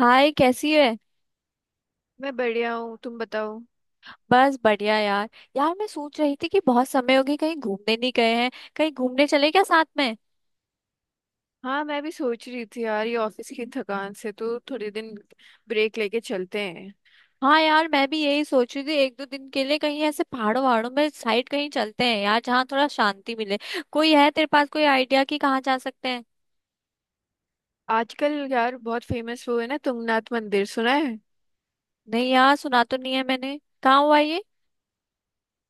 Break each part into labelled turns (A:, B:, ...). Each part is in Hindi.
A: हाय, कैसी है।
B: मैं बढ़िया हूँ। तुम बताओ।
A: बस बढ़िया यार। यार, मैं सोच रही थी कि बहुत समय हो गई कहीं घूमने नहीं गए हैं। कहीं घूमने चले क्या साथ में।
B: हाँ, मैं भी सोच रही थी यार। ये ऑफिस की थकान से तो थोड़े दिन ब्रेक लेके चलते हैं।
A: हाँ यार, मैं भी यही सोच रही थी एक दो दिन के लिए कहीं ऐसे पहाड़ों वहाड़ों में साइड कहीं चलते हैं यार, जहाँ थोड़ा शांति मिले। कोई है तेरे पास कोई आइडिया कि कहाँ जा सकते हैं।
B: आजकल यार बहुत फेमस वो है ना, तुंगनाथ मंदिर, सुना है?
A: नहीं यार, सुना तो नहीं है मैंने। कहाँ हुआ ये।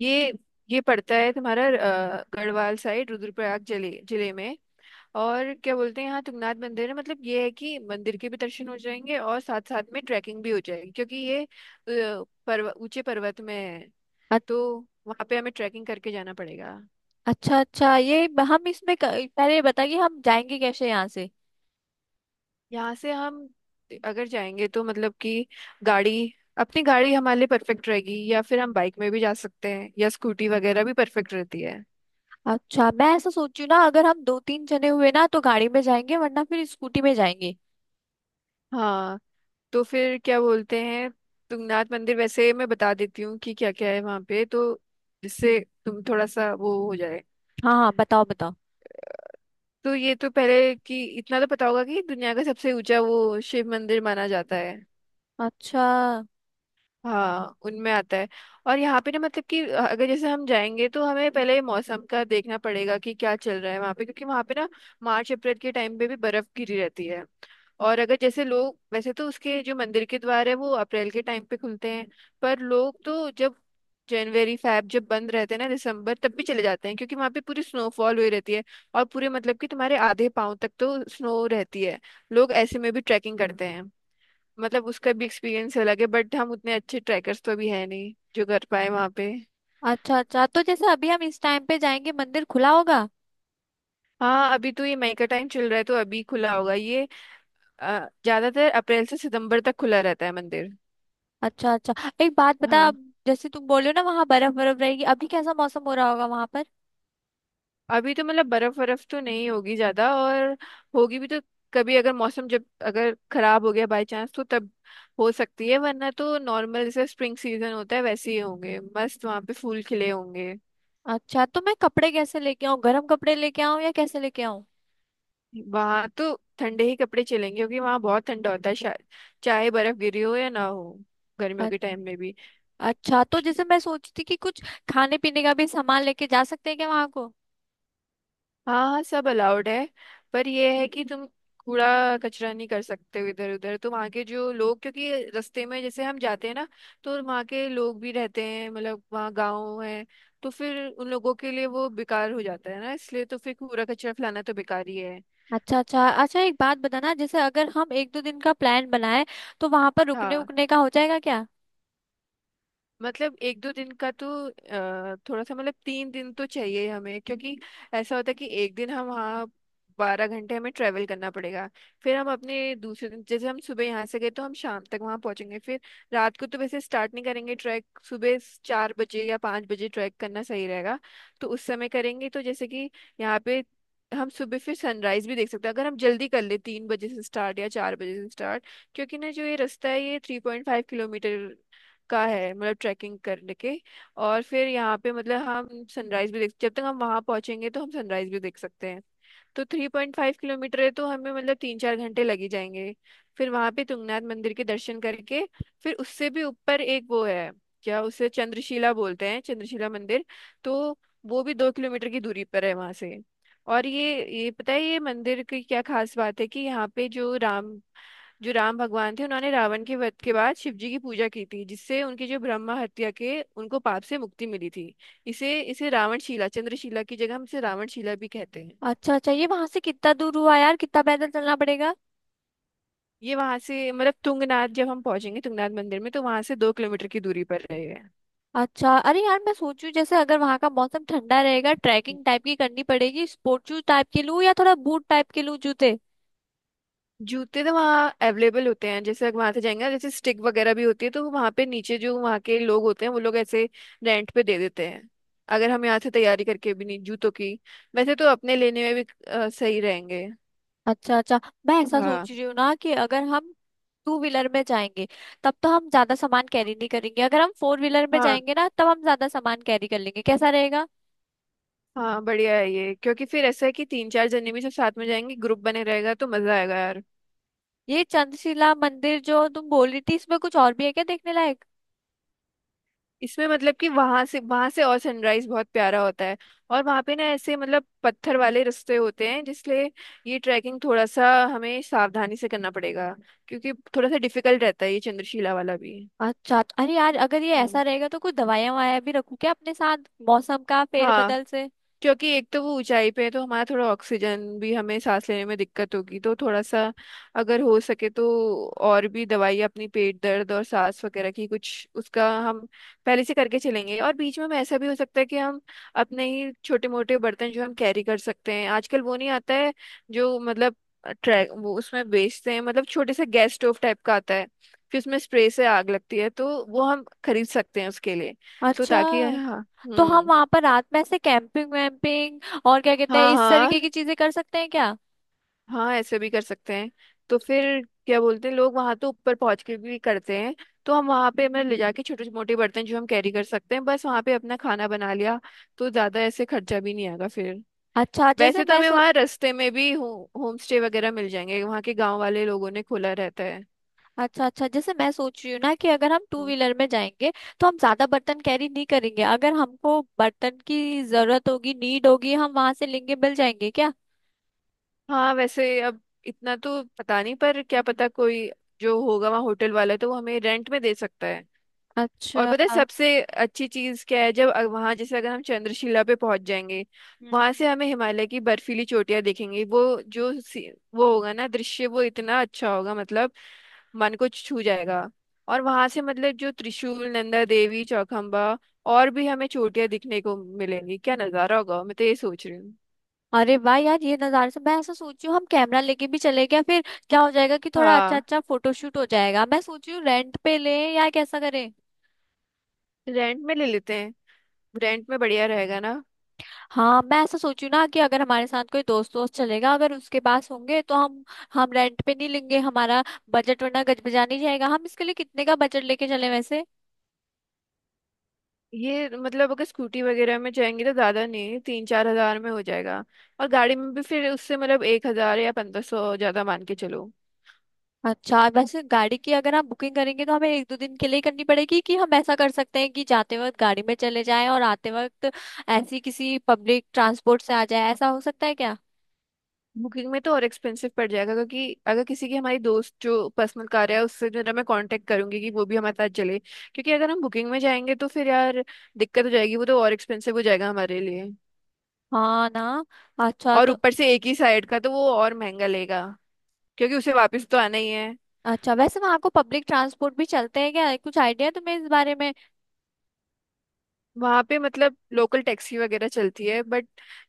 B: ये ये पड़ता है तुम्हारा। गढ़वाल साइड, रुद्रप्रयाग जिले जिले में। और क्या बोलते हैं, यहाँ तुंगनाथ मंदिर है, मतलब ये है कि मंदिर के भी दर्शन हो जाएंगे और साथ साथ में ट्रैकिंग भी हो जाएगी क्योंकि ये पर्व ऊंचे पर्वत में है।
A: अ-
B: तो वहाँ पे हमें ट्रैकिंग करके जाना पड़ेगा।
A: अच्छा अच्छा, ये ब- हम इसमें क- पहले ये बता कि हम जाएंगे कैसे यहाँ से।
B: यहाँ से हम अगर जाएंगे तो मतलब कि गाड़ी, अपनी गाड़ी हमारे लिए परफेक्ट रहेगी, या फिर हम बाइक में भी जा सकते हैं या स्कूटी वगैरह भी परफेक्ट रहती है।
A: अच्छा, मैं ऐसा सोच रही हूँ ना, अगर हम दो तीन जने हुए ना तो गाड़ी में जाएंगे, वरना फिर स्कूटी में जाएंगे।
B: हाँ। तो फिर क्या बोलते हैं, तुंगनाथ मंदिर वैसे मैं बता देती हूँ कि क्या क्या है वहाँ पे तो, जिससे तुम थोड़ा सा वो हो जाए।
A: हाँ हाँ, बताओ बताओ।
B: तो ये तो पहले कि इतना तो पता होगा कि दुनिया का सबसे ऊंचा वो शिव मंदिर माना जाता है।
A: अच्छा
B: हाँ, उनमें आता है। और यहाँ पे ना मतलब कि अगर जैसे हम जाएंगे तो हमें पहले मौसम का देखना पड़ेगा कि क्या चल रहा है वहाँ पे, क्योंकि वहाँ पे ना मार्च अप्रैल के टाइम पे भी बर्फ गिरी रहती है। और अगर जैसे लोग, वैसे तो उसके जो मंदिर के द्वार है वो अप्रैल के टाइम पे खुलते हैं। पर लोग तो जब जनवरी फैब, जब बंद रहते हैं ना, दिसंबर, तब भी चले जाते हैं क्योंकि वहाँ पे पूरी स्नोफॉल हुई रहती है। और पूरे मतलब कि तुम्हारे आधे पाँव तक तो स्नो रहती है। लोग ऐसे में भी ट्रैकिंग करते हैं। मतलब उसका भी एक्सपीरियंस अलग है, बट हम उतने अच्छे ट्रैकर्स तो अभी है नहीं जो कर पाए वहाँ पे।
A: अच्छा। अच्छा, तो जैसे अभी हम इस टाइम पे जाएंगे मंदिर खुला होगा।
B: हाँ, अभी तो ये मई का टाइम चल रहा है तो अभी खुला होगा ये। ज्यादातर अप्रैल से सितंबर तक खुला रहता है मंदिर।
A: अच्छा अच्छा। एक बात बता,
B: हाँ,
A: अब जैसे तुम बोलो ना, वहाँ बर्फ बर्फ रहेगी, अभी कैसा मौसम हो रहा होगा वहाँ पर।
B: अभी तो मतलब बर्फ बर्फ तो नहीं होगी ज्यादा। और होगी भी तो कभी, अगर मौसम जब अगर खराब हो गया बाय चांस, तो तब हो सकती है। वरना तो नॉर्मल जैसे स्प्रिंग सीजन होता है वैसे ही होंगे, मस्त वहाँ पे फूल खिले होंगे।
A: अच्छा, तो मैं कपड़े कैसे लेके आऊँ, गर्म कपड़े लेके आऊँ या कैसे लेके आऊँ।
B: वहां तो ठंडे ही कपड़े चलेंगे क्योंकि वहां बहुत ठंडा होता है शायद, चाहे बर्फ गिरी हो या ना हो, गर्मियों
A: अ-
B: के टाइम में भी।
A: अच्छा, तो जैसे मैं सोचती कि कुछ खाने पीने का भी सामान लेके जा सकते हैं क्या वहाँ को।
B: हाँ हाँ, सब अलाउड है। पर यह है कि तुम कूड़ा कचरा नहीं कर सकते हो इधर उधर तो वहाँ के जो लोग, क्योंकि रास्ते में जैसे हम जाते हैं ना, तो वहाँ के लोग भी रहते हैं, मतलब वहाँ गाँव है, तो फिर उन लोगों के लिए वो बेकार हो जाता है ना, इसलिए तो फिर कूड़ा कचरा फैलाना तो बेकार ही है।
A: अच्छा अच्छा अच्छा। एक बात बताना, जैसे अगर हम एक दो दिन का प्लान बनाएं तो वहाँ पर रुकने
B: हाँ,
A: उकने का हो जाएगा क्या।
B: मतलब 1-2 दिन का तो, थोड़ा सा मतलब 3 दिन तो चाहिए हमें, क्योंकि ऐसा होता है कि एक दिन हम वहाँ 12 घंटे हमें ट्रेवल करना पड़ेगा। फिर हम अपने दूसरे दिन, जैसे हम सुबह यहाँ से गए तो हम शाम तक वहाँ पहुँचेंगे, फिर रात को तो वैसे स्टार्ट नहीं करेंगे ट्रैक। सुबह 4 बजे या 5 बजे ट्रैक करना सही रहेगा। तो उस समय करेंगे तो, जैसे कि यहाँ पे हम सुबह फिर सनराइज भी देख सकते हैं अगर हम जल्दी कर ले, 3 बजे से स्टार्ट या 4 बजे से स्टार्ट। क्योंकि ना जो ये रास्ता है ये 3.5 किलोमीटर का है, मतलब ट्रैकिंग करने के। और फिर यहाँ पे मतलब हम सनराइज भी देख, जब तक हम वहाँ पहुँचेंगे तो हम सनराइज भी देख सकते हैं। तो 3.5 किलोमीटर है तो हमें मतलब 3-4 घंटे लग ही जाएंगे। फिर वहां पे तुंगनाथ मंदिर के दर्शन करके फिर उससे भी ऊपर एक वो है, क्या उसे चंद्रशिला बोलते हैं, चंद्रशिला मंदिर। तो वो भी 2 किलोमीटर की दूरी पर है वहां से। और ये पता है, ये मंदिर की क्या खास बात है कि यहाँ पे जो राम भगवान थे, उन्होंने रावण के वध के बाद शिव जी की पूजा की थी जिससे उनकी जो ब्रह्मा हत्या के उनको पाप से मुक्ति मिली थी। इसे इसे रावणशिला, चंद्रशिला की जगह हम इसे रावणशिला भी कहते हैं।
A: अच्छा अच्छा, ये वहाँ से कितना दूर हुआ यार, कितना पैदल चलना पड़ेगा।
B: ये वहां से मतलब तुंगनाथ, जब हम पहुंचेंगे तुंगनाथ मंदिर में तो वहां से 2 किलोमीटर की दूरी पर रहेगा।
A: अच्छा, अरे यार, मैं सोचू जैसे अगर वहां का मौसम ठंडा रहेगा, ट्रैकिंग टाइप की करनी पड़ेगी, स्पोर्ट शूज टाइप के लूँ या थोड़ा बूट टाइप के लूँ जूते।
B: जूते तो वहाँ अवेलेबल होते हैं, जैसे वहां से जाएंगे जैसे स्टिक वगैरह भी होती है तो वहां पे नीचे जो वहाँ के लोग होते हैं वो लोग ऐसे रेंट पे दे देते हैं, अगर हम यहाँ से तैयारी करके भी नहीं, जूतों की। वैसे तो अपने लेने में भी सही रहेंगे।
A: अच्छा अच्छा। मैं ऐसा
B: हाँ।
A: सोच रही हूँ ना कि अगर हम टू व्हीलर में जाएंगे, तब तो हम ज्यादा सामान कैरी नहीं करेंगे, अगर हम फोर व्हीलर में
B: हाँ,
A: जाएंगे ना तब हम ज्यादा सामान कैरी कर लेंगे, कैसा रहेगा।
B: हाँ, बढ़िया है ये, क्योंकि फिर ऐसा है कि तीन चार जने भी सब साथ में जाएंगे, ग्रुप बने रहेगा तो मजा आएगा यार।
A: ये चंद्रशिला मंदिर जो तुम बोल रही थी, इसमें कुछ और भी है क्या देखने लायक।
B: इसमें मतलब कि वहां से और सनराइज बहुत प्यारा होता है। और वहां पे ना ऐसे मतलब पत्थर वाले रास्ते होते हैं, जिसलिए ये ट्रैकिंग थोड़ा सा हमें सावधानी से करना पड़ेगा क्योंकि थोड़ा सा डिफिकल्ट रहता है ये चंद्रशिला वाला भी।
A: अच्छा तो, अरे यार, अगर ये
B: हम्म।
A: ऐसा रहेगा तो कुछ दवाइयां वाया भी रखूं क्या अपने साथ। मौसम का फेर
B: हाँ,
A: बदल से।
B: क्योंकि एक तो वो ऊंचाई पे है तो हमारा थोड़ा ऑक्सीजन भी, हमें सांस लेने में दिक्कत होगी तो थोड़ा सा, अगर हो सके तो और भी दवाई अपनी पेट दर्द और सांस वगैरह की कुछ उसका हम पहले से करके चलेंगे। और बीच में ऐसा भी हो सकता है कि हम अपने ही छोटे मोटे बर्तन जो हम कैरी कर सकते हैं, आजकल वो नहीं आता है जो, मतलब ट्रैक वो उसमें बेचते हैं, मतलब छोटे से गैस स्टोव टाइप का आता है, फिर उसमें स्प्रे से आग लगती है तो वो हम खरीद सकते हैं उसके लिए। तो
A: अच्छा,
B: ताकि, हाँ।
A: तो हम
B: हम्म।
A: वहां पर रात में ऐसे कैंपिंग वैम्पिंग और क्या कहते हैं
B: हाँ
A: इस तरीके की
B: हाँ,
A: चीजें कर सकते हैं क्या।
B: हाँ ऐसे भी कर सकते हैं। तो फिर क्या बोलते हैं, लोग वहां तो ऊपर पहुंच के भी करते हैं। तो हम वहां पे मतलब ले जाके छोटे मोटे बर्तन जो हम कैरी कर सकते हैं, बस वहां पे अपना खाना बना लिया तो ज्यादा ऐसे खर्चा भी नहीं आएगा फिर।
A: अच्छा, जैसे
B: वैसे तो
A: मैं
B: हमें
A: सो-
B: वहाँ रास्ते में भी होम स्टे वगैरह मिल जाएंगे, वहाँ के गांव वाले लोगों ने खोला रहता है।
A: अच्छा अच्छा, जैसे मैं सोच रही हूँ ना कि अगर हम टू
B: हम्म।
A: व्हीलर में जाएंगे तो हम ज्यादा बर्तन कैरी नहीं करेंगे, अगर हमको बर्तन की जरूरत होगी, नीड होगी, हम वहां से लेंगे, मिल जाएंगे क्या।
B: हाँ, वैसे अब इतना तो पता नहीं, पर क्या पता, कोई जो होगा वहाँ होटल वाला तो वो हमें रेंट में दे सकता है। और
A: अच्छा।
B: पता है सबसे अच्छी चीज क्या है, जब वहां, जैसे अगर हम चंद्रशिला पे पहुंच जाएंगे।
A: हम्म।
B: वहां से हमें हिमालय की बर्फीली चोटियां दिखेंगी, वो जो सी- वो होगा ना दृश्य, वो इतना अच्छा होगा मतलब मन को छू जाएगा। और वहां से मतलब जो त्रिशूल, नंदा देवी, चौखम्बा, और भी हमें चोटियां दिखने को मिलेंगी, क्या नजारा होगा, मैं तो ये सोच रही हूँ।
A: अरे वाह यार, ये नज़ारे से मैं ऐसा सोच रही हूँ हम कैमरा लेके भी चले क्या फिर। क्या हो जाएगा कि थोड़ा अच्छा
B: हाँ,
A: अच्छा फोटोशूट हो जाएगा। मैं सोच रही हूँ रेंट पे लें या कैसा करें।
B: रेंट में ले लेते हैं, रेंट में बढ़िया रहेगा ना।
A: हाँ, मैं ऐसा सोचू ना कि अगर हमारे साथ कोई दोस्त दोस्त चलेगा, अगर उसके पास होंगे तो हम रेंट पे नहीं लेंगे। हमारा बजट वरना गजबजा नहीं जाएगा। हम इसके लिए कितने का बजट लेके चले वैसे।
B: ये मतलब अगर स्कूटी वगैरह में जाएंगे तो ज्यादा नहीं, 3-4 हजार में हो जाएगा। और गाड़ी में भी फिर उससे मतलब 1 हजार या 1500 ज्यादा मान के चलो।
A: अच्छा, वैसे गाड़ी की अगर आप बुकिंग करेंगे तो हमें एक दो दिन के लिए ही करनी पड़ेगी, कि हम ऐसा कर सकते हैं कि जाते वक्त गाड़ी में चले जाएं और आते वक्त ऐसी किसी पब्लिक ट्रांसपोर्ट से आ जाए, ऐसा हो सकता है क्या।
B: बुकिंग में तो और एक्सपेंसिव पड़ जाएगा, क्योंकि अगर किसी की, हमारी दोस्त जो पर्सनल कार है उससे, जो है ना मैं कांटेक्ट करूंगी कि वो भी हमारे साथ चले, क्योंकि अगर हम बुकिंग में जाएंगे तो फिर यार दिक्कत हो जाएगी, वो तो और एक्सपेंसिव हो जाएगा हमारे लिए।
A: हाँ ना। अच्छा
B: और
A: तो,
B: ऊपर से एक ही साइड का तो वो और महंगा लेगा, क्योंकि उसे वापस तो आना ही है।
A: अच्छा, वैसे वहाँ को पब्लिक ट्रांसपोर्ट भी चलते हैं क्या, कुछ आइडिया है तुम्हें इस बारे में।
B: वहाँ पे मतलब लोकल टैक्सी वगैरह चलती है, बट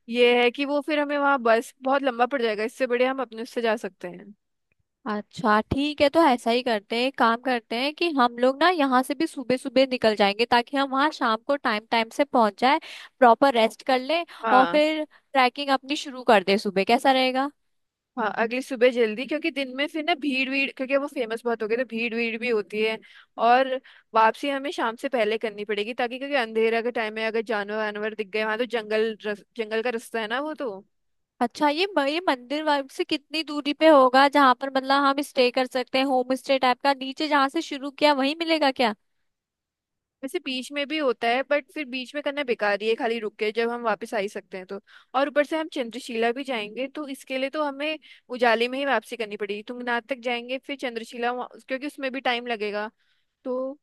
B: ये है कि वो फिर हमें वहाँ बस बहुत लंबा पड़ जाएगा, इससे बड़े हम अपने उससे जा सकते हैं।
A: अच्छा ठीक है, तो ऐसा ही करते हैं। एक काम करते हैं कि हम लोग ना यहाँ से भी सुबह सुबह निकल जाएंगे ताकि हम वहाँ शाम को टाइम टाइम से पहुंच जाए, प्रॉपर रेस्ट कर लें, और
B: हाँ
A: फिर ट्रैकिंग अपनी शुरू कर दें सुबह, कैसा रहेगा।
B: हाँ, अगली सुबह जल्दी, क्योंकि दिन में फिर ना भीड़ भीड़, क्योंकि वो फेमस बहुत हो गए तो भीड़ भीड़ भी होती है। और वापसी हमें शाम से पहले करनी पड़ेगी, ताकि, क्योंकि अंधेरा का टाइम है, अगर जानवर वानवर दिख गए वहाँ, तो जंगल का रास्ता है ना वो तो।
A: अच्छा, ये म- ये मंदिर वाइब से कितनी दूरी पे होगा जहाँ पर मतलब हम स्टे कर सकते हैं, होम स्टे टाइप का, नीचे जहाँ से शुरू किया वहीं मिलेगा क्या।
B: वैसे बीच में भी होता है, बट फिर बीच में करना बेकार ही है, खाली रुक के जब हम वापस आ ही सकते हैं तो। और ऊपर से हम चंद्रशिला भी जाएंगे तो इसके लिए तो हमें उजाले में ही वापसी करनी पड़ेगी, तुंगनाथ तक जाएंगे, फिर चंद्रशिला क्योंकि उसमें भी टाइम लगेगा तो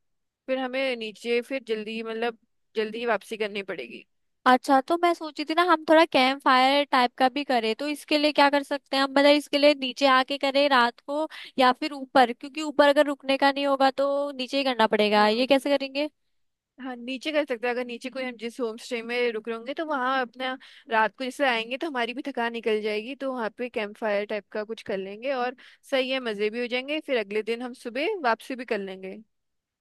B: फिर हमें नीचे फिर जल्दी मतलब जल्दी ही वापसी करनी पड़ेगी।
A: अच्छा तो मैं सोची थी ना हम थोड़ा कैंप फायर टाइप का भी करें, तो इसके लिए क्या कर सकते हैं हम, मतलब इसके लिए नीचे आके करें रात को, या फिर ऊपर, क्योंकि ऊपर अगर रुकने का नहीं होगा तो नीचे ही करना पड़ेगा, ये
B: हम्म।
A: कैसे करेंगे।
B: हाँ, नीचे कर सकते हैं। अगर नीचे कोई, हम जिस होम स्टे में रुक रहे होंगे तो वहाँ अपना, रात को जैसे आएंगे तो हमारी भी थकान निकल जाएगी तो वहाँ पे कैंप फायर टाइप का कुछ कर लेंगे और सही है, मज़े भी हो जाएंगे। फिर अगले दिन हम सुबह वापसी भी कर लेंगे।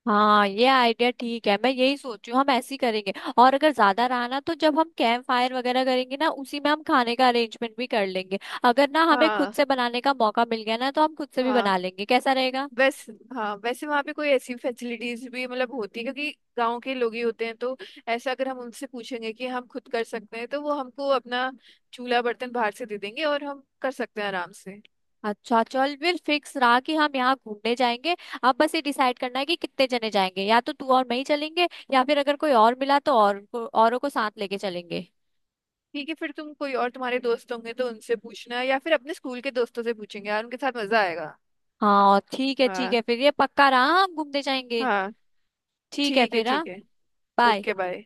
A: हाँ ये आइडिया ठीक है, मैं यही सोचू हम ऐसे ही करेंगे। और अगर ज्यादा रहा ना तो जब हम कैंप फायर वगैरह करेंगे ना, उसी में हम खाने का अरेंजमेंट भी कर लेंगे। अगर ना हमें खुद
B: हाँ।
A: से बनाने का मौका मिल गया ना तो हम खुद से भी
B: हाँ,
A: बना लेंगे, कैसा रहेगा।
B: वैसे, हाँ वैसे वहाँ पे कोई ऐसी फैसिलिटीज भी मतलब होती है क्योंकि गांव के लोग ही होते हैं, तो ऐसा अगर हम उनसे पूछेंगे कि हम खुद कर सकते हैं तो वो हमको अपना चूल्हा बर्तन बाहर से दे देंगे और हम कर सकते हैं आराम से।
A: अच्छा चल, फिर फिक्स रहा कि हम यहाँ घूमने जाएंगे। अब बस ये डिसाइड करना है कि कितने जने जाएंगे, या तो तू और मैं ही चलेंगे, या फिर अगर कोई और मिला तो और को, औरों को साथ लेके चलेंगे।
B: ठीक है फिर, तुम कोई, और तुम्हारे दोस्त होंगे तो उनसे पूछना या फिर अपने स्कूल के दोस्तों से पूछेंगे यार, उनके साथ मजा आएगा।
A: हाँ ठीक है ठीक
B: हाँ।
A: है, फिर ये पक्का रहा, हम घूमने जाएंगे।
B: हाँ,
A: ठीक है
B: ठीक है,
A: फिर, हाँ।
B: ठीक है।
A: बाय।
B: Okay, bye.